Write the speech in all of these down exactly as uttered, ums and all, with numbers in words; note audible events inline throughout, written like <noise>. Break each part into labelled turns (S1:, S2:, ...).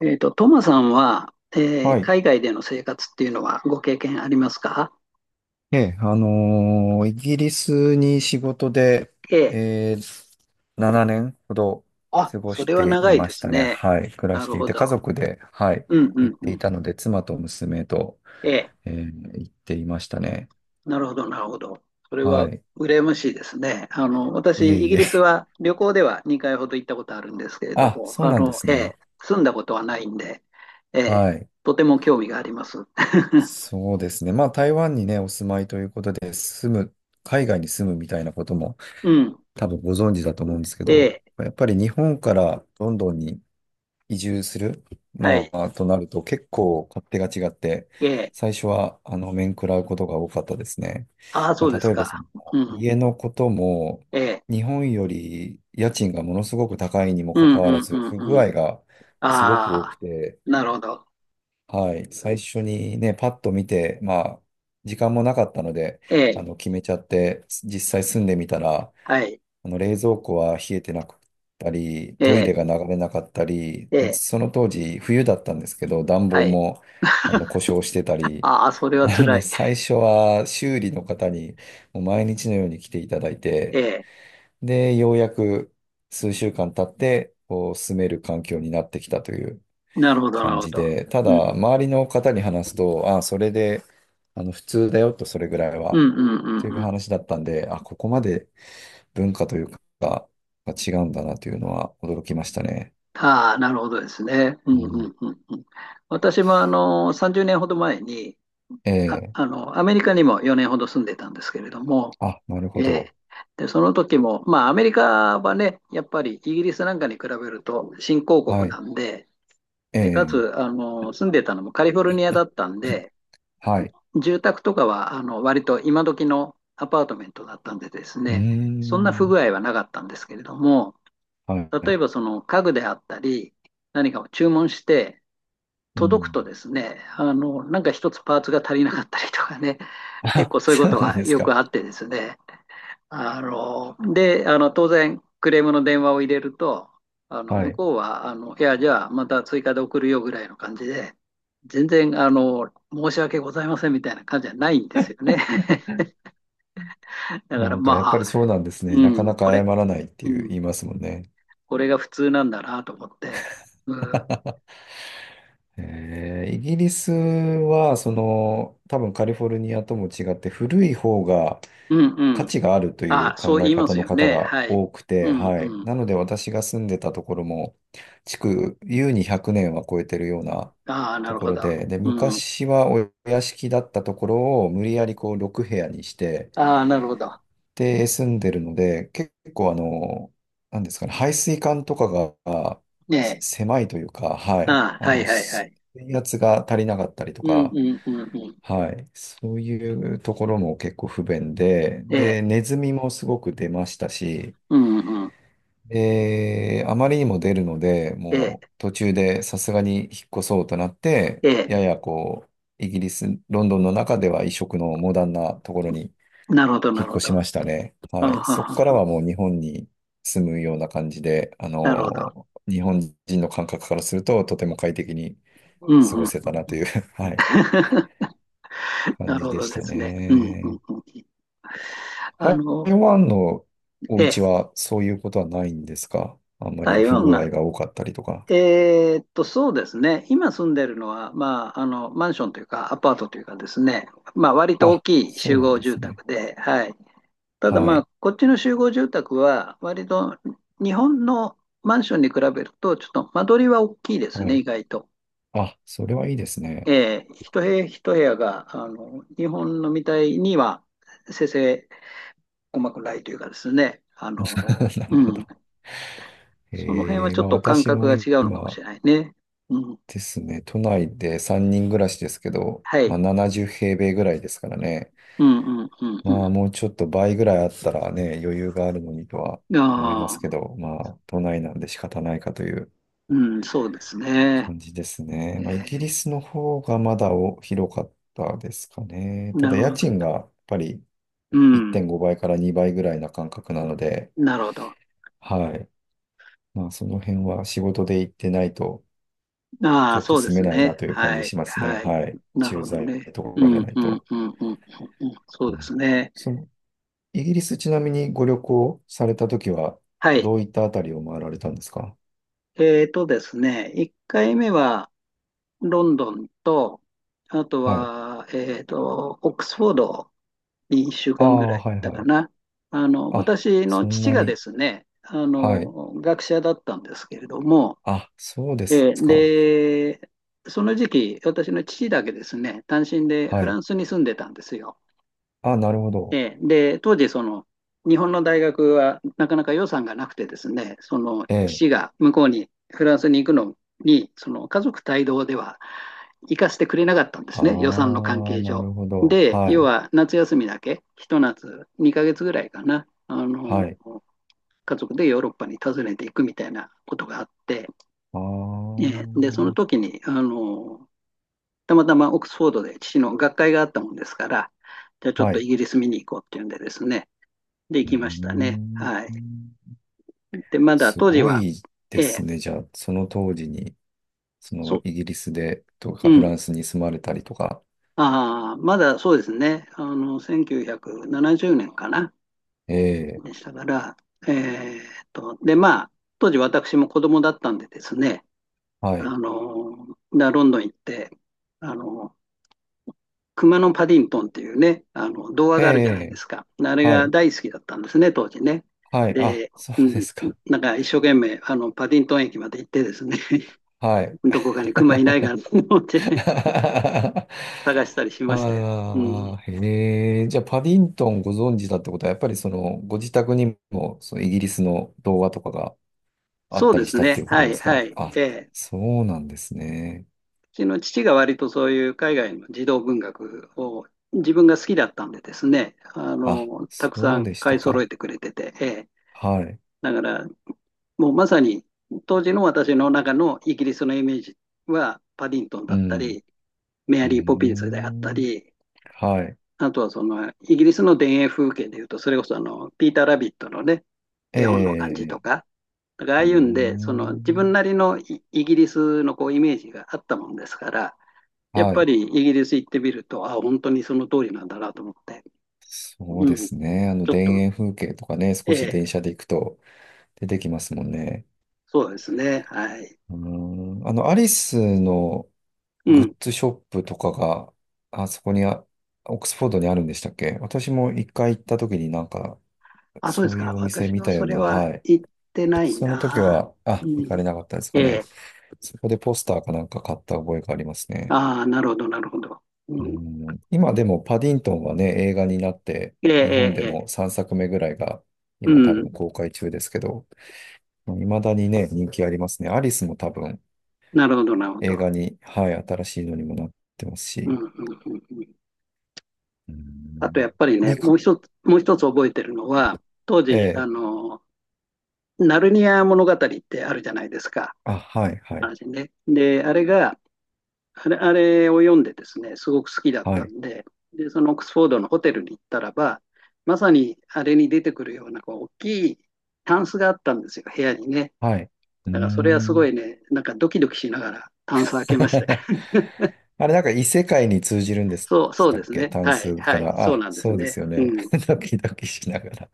S1: えっと、トマさんは、えー
S2: はい。
S1: 海外での生活っていうのはご経験ありますか？
S2: ええ、あのーイギリスに仕事で、
S1: ええ。
S2: えー、ななねんほど
S1: あ、
S2: 過ご
S1: そ
S2: し
S1: れは
S2: て
S1: 長
S2: い
S1: い
S2: ま
S1: で
S2: し
S1: す
S2: たね。
S1: ね。
S2: はい。暮ら
S1: な
S2: し
S1: る
S2: てい
S1: ほ
S2: て、家
S1: ど。
S2: 族で、はい、
S1: うんう
S2: 行
S1: ん
S2: って
S1: う
S2: い
S1: ん。
S2: たので、妻と娘と、
S1: ええ。
S2: えー行っていましたね。
S1: なるほど、なるほど。それ
S2: は
S1: は
S2: い。
S1: 羨ましいですね。あの、私、
S2: いえ
S1: イ
S2: い
S1: ギリス
S2: え。
S1: は旅行ではにかいほど行ったことあるんですけ
S2: <laughs>
S1: れど
S2: あ、
S1: も、
S2: そう
S1: あ
S2: なんで
S1: の、
S2: す
S1: ええ、
S2: ね。
S1: 住んだことはないんで、ええ、
S2: はい。
S1: とても興味があります。
S2: そうですね。まあ、台湾にね、お住まいということで、住む、海外に住むみたいなことも
S1: うん。
S2: 多分ご存知だと思うんですけ
S1: え
S2: ど、
S1: え。
S2: やっぱり日本からロンドンに移住する、
S1: は
S2: ま
S1: い。
S2: あ、となると結構勝手が違って、
S1: ええ。
S2: 最初は、あの、面食らうことが多かったですね。
S1: ああ、そ
S2: ま
S1: う
S2: あ、
S1: です
S2: 例えば、
S1: か。
S2: その、
S1: うん。
S2: 家のことも、
S1: ええ。
S2: 日本より家賃がものすごく高いにも
S1: う
S2: か
S1: んう
S2: かわら
S1: ん
S2: ず、不
S1: う
S2: 具
S1: ん。
S2: 合がすごく多
S1: あ
S2: く
S1: あ、
S2: て、
S1: なるほど。
S2: はい、最初にね、パッと見て、まあ、時間もなかったので、
S1: え
S2: あ
S1: え、
S2: の、決めちゃって、実際住んでみたら、
S1: はい、
S2: あの冷蔵庫は冷えてなかったり、
S1: え
S2: トイ
S1: え、
S2: レが流れなかったり、
S1: え
S2: で
S1: え、
S2: その当時冬だったんですけど、暖
S1: は
S2: 房
S1: い。
S2: もあの故障してたり、
S1: ああ、それ
S2: <laughs>
S1: は
S2: なの
S1: 辛
S2: で
S1: い。
S2: 最初は修理の方にもう毎日のように来ていただい
S1: え
S2: て、
S1: え、
S2: で、ようやく数週間経って、こう住める環境になってきたという
S1: なるほど、な
S2: 感
S1: るほ
S2: じ
S1: ど。
S2: で、た
S1: うん、
S2: だ周りの方に話すと、ああ、それであの普通だよと、それぐらい
S1: うん、う
S2: は。
S1: ん、う
S2: とい
S1: ん。
S2: う
S1: うん。
S2: 話だったんで、あ、ここまで文化というか、が違うんだなというのは驚きましたね。
S1: ああ、なるほどですね。う
S2: う
S1: ん、う
S2: ん。
S1: ん、うん。うん。私も、あの、さんじゅうねんほど前に、
S2: え
S1: あ、
S2: え。
S1: あの、アメリカにもよねんほど住んでたんですけれども、
S2: あ、なるほ
S1: ええ、
S2: ど。
S1: で、その時も、まあ、アメリカはね、やっぱりイギリスなんかに比べると新興
S2: は
S1: 国
S2: い。
S1: なんで、
S2: え
S1: で、か
S2: え。
S1: つ、あの、住んでたのもカリフォルニアだったんで、
S2: はい。
S1: 住宅とかはあの割と今時のアパートメントだったんでです
S2: うー
S1: ね、そんな不
S2: ん。
S1: 具合はなかったんですけれども、
S2: は
S1: 例え
S2: い。
S1: ばその家具であったり、何かを注文して、
S2: う
S1: 届く
S2: ん。
S1: とですね、あの、なんか一つパーツが足りなかったりとかね、結
S2: あ、
S1: 構そういうこ
S2: そう
S1: と
S2: なん
S1: は
S2: です
S1: よく
S2: か。
S1: あってですね、あの、で、あの、当然、クレームの電話を入れると、あの、
S2: は
S1: 向
S2: い。
S1: こうは、あの、いや、じゃあ、また追加で送るよぐらいの感じで、全然、あの、申し訳ございませんみたいな感じじゃないんですよね。<laughs> だか
S2: な
S1: ら、
S2: んかやっぱ
S1: ま
S2: りそう
S1: あ、
S2: なんですね。
S1: う
S2: なかな
S1: ん、こ
S2: か謝
S1: れ、
S2: らないって
S1: う
S2: いう言
S1: ん、
S2: いますもんね。
S1: これが普通なんだなと思って、うん、
S2: えーイギリスは、その、多分カリフォルニアとも違って古い方が
S1: うん、
S2: 価
S1: うん。
S2: 値があるとい
S1: あ、
S2: う
S1: そう
S2: 考え
S1: 言いま
S2: 方
S1: す
S2: の
S1: よ
S2: 方
S1: ね。
S2: が
S1: はい。
S2: 多く
S1: う
S2: て、
S1: ん、
S2: はい。
S1: うん。
S2: なので私が住んでたところも、築、優にひゃくねんは超えてるような
S1: ああ、な
S2: と
S1: る
S2: こ
S1: ほ
S2: ろ
S1: ど。
S2: で、で、
S1: うん。
S2: 昔はお屋敷だったところを無理やりこうろくへや部屋にして、
S1: ああ、なるほど。
S2: で、住んでるので、結構あの、なんですかね、排水管とかがあ
S1: ねえ。
S2: 狭いというか、はい。
S1: ああ、
S2: あ
S1: はい、
S2: の、
S1: はい、は
S2: 水
S1: い。
S2: 圧が足りなかったりと
S1: うん、
S2: か、
S1: うん、うん、うん。
S2: はい。そういうところも結構不便で、
S1: ええ。
S2: で、ネズミもすごく出ましたし、
S1: うん、うん。
S2: で、あまりにも出るので、
S1: ええ、
S2: もう途中でさすがに引っ越そうとなって、
S1: え
S2: や
S1: え、
S2: やこう、イギリス、ロンドンの中では異色のモダンなところに
S1: なるほど、
S2: 引
S1: な
S2: っ
S1: るほ
S2: 越
S1: ど。
S2: しましたね。
S1: あ
S2: は
S1: は
S2: い。
S1: は
S2: そこから
S1: は
S2: はもう日本に住むような感じで、あ
S1: なるほど。
S2: のー、日本人の感覚からするととても快適に
S1: うん
S2: 過ごせ
S1: う
S2: た
S1: ん。
S2: なという <laughs>、はい、
S1: <laughs>
S2: 感
S1: なる
S2: じ
S1: ほ
S2: で
S1: ど
S2: し
S1: で
S2: た
S1: すね。うんうんう
S2: ね。
S1: ん。あ
S2: 台
S1: の、
S2: 湾のお
S1: え
S2: 家
S1: え、
S2: はそういうことはないんですか？あんまり
S1: 台
S2: 不
S1: 湾
S2: 具
S1: が、
S2: 合が多かったりとか。
S1: えーっと、そうですね。今住んでるのは、まあ、あの、マンションというか、アパートというかですね、まあ、割と大
S2: あ、
S1: きい
S2: そ
S1: 集
S2: うなん
S1: 合
S2: で
S1: 住
S2: すね。
S1: 宅で、はい。ただ
S2: は
S1: ま
S2: い。
S1: あ、こっちの集合住宅は、割と日本のマンションに比べると、ちょっと間取りは大きいです
S2: は
S1: ね、
S2: い。
S1: 意外と。
S2: あ、それはいいですね。
S1: えー一部屋一部屋が、あの、日本のみたいには、せせ細くないというかですね、あ
S2: <laughs>
S1: の、
S2: なる
S1: う
S2: ほ
S1: ん、
S2: ど。
S1: その辺は
S2: えー、
S1: ちょっ
S2: まあ
S1: と感
S2: 私
S1: 覚
S2: も
S1: が違うのかもし
S2: 今
S1: れないね。うん、
S2: ですね、都内でさんにん暮らしですけど、
S1: は
S2: ま
S1: い。
S2: あななじゅう平米ぐらいですからね。
S1: うん、うん、う
S2: ま
S1: ん、
S2: あもうちょっと倍ぐらいあったらね、余裕があるのにとは
S1: うん。
S2: 思います
S1: あ
S2: け
S1: あ、
S2: ど、まあ都内なんで仕方ないかという
S1: うん、そうですね。
S2: 感じですね。
S1: ええ、
S2: まあ、イギリスの方がまだお広かったですかね。た
S1: な
S2: だ
S1: るほ
S2: 家
S1: ど。
S2: 賃がやっぱり
S1: う
S2: 1.5
S1: ん、
S2: 倍からにばいぐらいな感覚なので、
S1: なるほど。
S2: はい。まあその辺は仕事で行ってないと
S1: あ
S2: ち
S1: あ、
S2: ょっと
S1: そうで
S2: 住め
S1: す
S2: ない
S1: ね。
S2: なという感
S1: は
S2: じ
S1: い、
S2: しますね。
S1: はい。
S2: はい。
S1: なる
S2: 駐
S1: ほど
S2: 在
S1: ね。
S2: と
S1: う
S2: かじゃ
S1: ん、
S2: ない
S1: うん、うん、
S2: と。
S1: うん、うん、うん。そ
S2: う
S1: うです
S2: ん、
S1: ねえなるほどうんなるほど
S2: そ
S1: あ
S2: の、イギリスちなみにご旅行されたときは
S1: あ、そうですね
S2: どう
S1: は
S2: い
S1: い。
S2: ったあたりを回られたんですか？
S1: えーとですね、いっかいめは、ロンドンと、あと
S2: はい。
S1: は、えっと、オックスフォードに1週
S2: あ
S1: 間ぐら
S2: あ、
S1: い行っ
S2: はい
S1: た
S2: は
S1: か
S2: い。
S1: な。あの、
S2: あ、
S1: 私の
S2: そん
S1: 父
S2: な
S1: がで
S2: に。
S1: すね、あ
S2: はい。
S1: の、学者だったんですけれども、
S2: あ、そうです
S1: えー
S2: か。
S1: で、その時期、私の父だけですね、単身でフ
S2: は
S1: ラ
S2: い。
S1: ンスに住んでたんですよ。
S2: あ、なるほど。
S1: ええ、で、当時、その、日本の大学はなかなか予算がなくてですね、その
S2: ええ。
S1: 父が向こうに、フランスに行くのに、その家族帯同では行かせてくれなかったんですね、予算の関
S2: ああ、
S1: 係
S2: な
S1: 上。
S2: るほど。
S1: で、
S2: は
S1: 要
S2: い。
S1: は夏休みだけ、一夏にかげつぐらいかな、あ
S2: は
S1: の、
S2: い。
S1: 家族でヨーロッパに訪ねていくみたいなことがあって、
S2: あ
S1: え
S2: あ、
S1: えで、その時に、あの、たまたまオックスフォードで父の学会があったもんですから、じゃあちょっ
S2: は
S1: と
S2: い。
S1: イギリス見に行こうっていうんでですね、で
S2: うー
S1: きましたね。はい。
S2: ん。
S1: で、まだ
S2: す
S1: 当時
S2: ご
S1: は、
S2: いで
S1: え
S2: す
S1: え、
S2: ね。じゃあ、その当時に、その
S1: そ、
S2: イギリスでと
S1: う
S2: かフラ
S1: ん。
S2: ンスに住まれたりとか。
S1: ああ、まだそうですね。あの、せんきゅうひゃくななじゅうねんかな。
S2: え
S1: で
S2: え。
S1: したから、えーっと、で、まあ、当時私も子供だったんでですね、
S2: はい。
S1: あの、ロンドン行って、あの、熊のパディントンっていうね、あの、童話
S2: え
S1: があるじゃないで
S2: え。
S1: すか。あれ
S2: は
S1: が
S2: い。
S1: 大好きだったんですね、当時ね。
S2: はい。あ、
S1: で、
S2: そう
S1: う
S2: で
S1: ん、
S2: すか。
S1: なんか一生懸命、あの、パディントン駅まで行ってですね、
S2: はい。
S1: どこかに熊いないか
S2: <laughs>
S1: なと思ってね、探し
S2: <laughs>
S1: たりしましたよ。うん。
S2: ああ、へえ。じゃあ、パディントンご存知だってことは、やっぱりその、ご自宅にも、そのイギリスの動画とかがあっ
S1: そう
S2: た
S1: で
S2: りし
S1: す
S2: たって
S1: ね。
S2: いうこ
S1: は
S2: とで
S1: い、
S2: す
S1: は
S2: か？
S1: い。
S2: あ、
S1: えーう
S2: そうなんですね。
S1: ちの父が割とそういう海外の児童文学を自分が好きだったんでですね、あ
S2: あ、
S1: の、たくさ
S2: そう
S1: ん
S2: でし
S1: 買
S2: た
S1: い揃え
S2: か。
S1: てくれてて、え
S2: はい。
S1: ーだから、もうまさに当時の私の中のイギリスのイメージは、パディントン
S2: う
S1: だった
S2: ん。
S1: り、メア
S2: うー
S1: リー・ポピンズであった
S2: ん。
S1: り、
S2: はい。
S1: あとはそのイギリスの田園風景でいうと、それこそあのピーター・ラビットのね、
S2: え
S1: 絵本の感じと
S2: え。
S1: か、だからあ
S2: う
S1: あ
S2: ー
S1: いうんで、その自分
S2: ん。
S1: なりのイギリスのこうイメージがあったもんですから、やっ
S2: は
S1: ぱ
S2: い。
S1: りイギリス行ってみると、あ、本当にその通りなんだなと思って、
S2: そう
S1: うん、
S2: で
S1: ち
S2: すね。あの、
S1: ょっ
S2: 田
S1: と、
S2: 園風景とかね、少
S1: え
S2: し電
S1: え、
S2: 車で行くと出てきますもんね。
S1: そうですね、はい。
S2: うーん、あの、アリスの
S1: う
S2: グ
S1: ん、
S2: ッズショップとかが、あそこにあ、オックスフォードにあるんでしたっけ？私も一回行った時になんか、
S1: あ、そうで
S2: そ
S1: す
S2: うい
S1: か、
S2: うお店
S1: 私
S2: 見
S1: は
S2: たよ
S1: そ
S2: う
S1: れ
S2: な、
S1: は
S2: はい。
S1: 行ってない
S2: その時
S1: な。
S2: は、
S1: う
S2: あ、行か
S1: ん、
S2: れなかったですか
S1: え
S2: ね。
S1: え、
S2: そこでポスターかなんか買った覚えがありますね。
S1: ああ、なるほど、なるほど。う
S2: う
S1: ん、
S2: ん、今でもパディントンはね、映画になって、
S1: ええ、
S2: 日本
S1: え
S2: で
S1: え、ええ。
S2: もさんさくめぐらいが
S1: う
S2: 今多
S1: ん、
S2: 分公開中ですけど、未だにね、人気ありますね。アリスも多分
S1: なるほど、なるほど。
S2: 映画に、はい、新しいのにもなってます
S1: うん、う
S2: し、
S1: ん、うん。うん。
S2: うー
S1: あと
S2: ん、
S1: やっぱりね、
S2: に
S1: も
S2: か、
S1: う一つ、もう一つ覚えてるのは、当時、あ
S2: ええ、
S1: の、ナルニア物語ってあるじゃないですか。
S2: あ、はい、はい、
S1: ね、で、あれが、あれあれを読んでですね、すごく好きだっ
S2: は
S1: た
S2: い、
S1: んで、で、そのオックスフォードのホテルに行ったらば、まさにあれに出てくるようなこう大きいタンスがあったんですよ、部屋にね。
S2: はい。うー
S1: だからそれはすご
S2: ん。
S1: いね、なんかドキドキしながらタンス開けまして。
S2: <laughs> あれ、なんか異世界に通じるんでし
S1: そう、そう
S2: た
S1: で
S2: っ
S1: す
S2: け？
S1: ね。
S2: 単
S1: はい、
S2: 数か
S1: はい、
S2: ら。
S1: そう
S2: あ、
S1: なんです
S2: そうです
S1: ね。
S2: よ
S1: う
S2: ね。
S1: ん。
S2: <laughs> ドキドキしながら。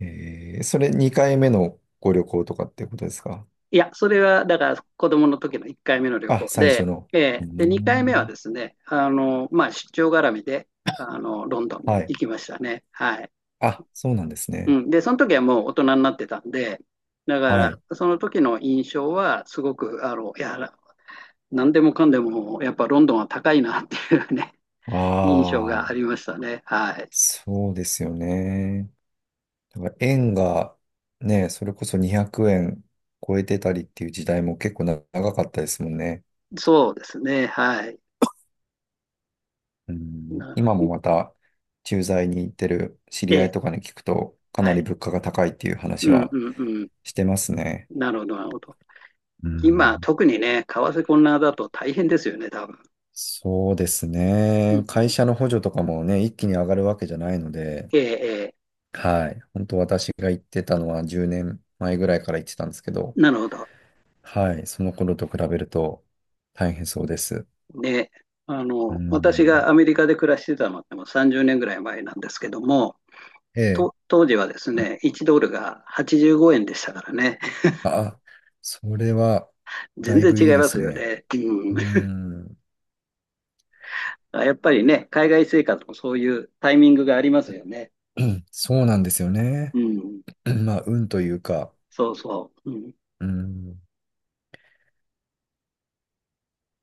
S2: えー、それにかいめのご旅行とかってことですか？
S1: いや、それはだから子供の時のいっかいめの旅
S2: あ、
S1: 行
S2: 最初
S1: で、
S2: の。う
S1: え
S2: ー
S1: ーで、にかいめは
S2: ん。
S1: ですね、あの、まあ、出張絡みで、あの、ロンドンに
S2: はい。
S1: 行きましたね。はい。
S2: あ、そうなんですね。
S1: うん。で、その時はもう大人になってたんで、だか
S2: は
S1: ら、
S2: い。
S1: その時の印象は、すごく、あの、いや、なんでもかんでも、やっぱロンドンは高いなっていうね、<laughs> 印象が
S2: あ
S1: あ
S2: あ、
S1: りましたね。はい。
S2: そうですよね。だから円がね、それこそにひゃくえん超えてたりっていう時代も結構長かったですもんね。
S1: そうですね。はい。
S2: うん、
S1: なる
S2: 今
S1: ほ
S2: も
S1: ど。
S2: また駐在に行ってる知
S1: え
S2: り合い
S1: え、
S2: とかに聞くと、か
S1: は
S2: なり
S1: い。
S2: 物価が高いっていう
S1: う
S2: 話
S1: ん
S2: は
S1: うんうん。
S2: してますね。
S1: なるほど、なるほど。
S2: う
S1: 今、
S2: ん、
S1: 特にね、為替混乱だと大変ですよね、多分。
S2: そうです
S1: うん
S2: ね。
S1: う
S2: 会
S1: ん、
S2: 社の補助とかもね、一気に上がるわけじゃないので、
S1: えええー、
S2: はい。本当私が行ってたのはじゅうねんまえぐらいから行ってたんですけど、
S1: なるほど。
S2: はい。その頃と比べると大変そうです。
S1: ね、あ
S2: う
S1: の、私
S2: ん。
S1: がアメリカで暮らしてたのってもうさんじゅうねんぐらい前なんですけども、
S2: ええ、
S1: と当時はですね、いちドルがはちじゅうごえんでしたからね、
S2: あ、それは、
S1: <laughs>
S2: だ
S1: 全
S2: い
S1: 然
S2: ぶ
S1: 違
S2: いい
S1: い
S2: で
S1: ま
S2: す
S1: すよ
S2: ね。
S1: ね。うん、
S2: うん、
S1: やっぱりね、海外生活もそういうタイミングがありますよね。
S2: <clears throat> そうなんですよね。
S1: うん、
S2: <clears throat> まあ、運というか、
S1: そうそう。うん
S2: うん。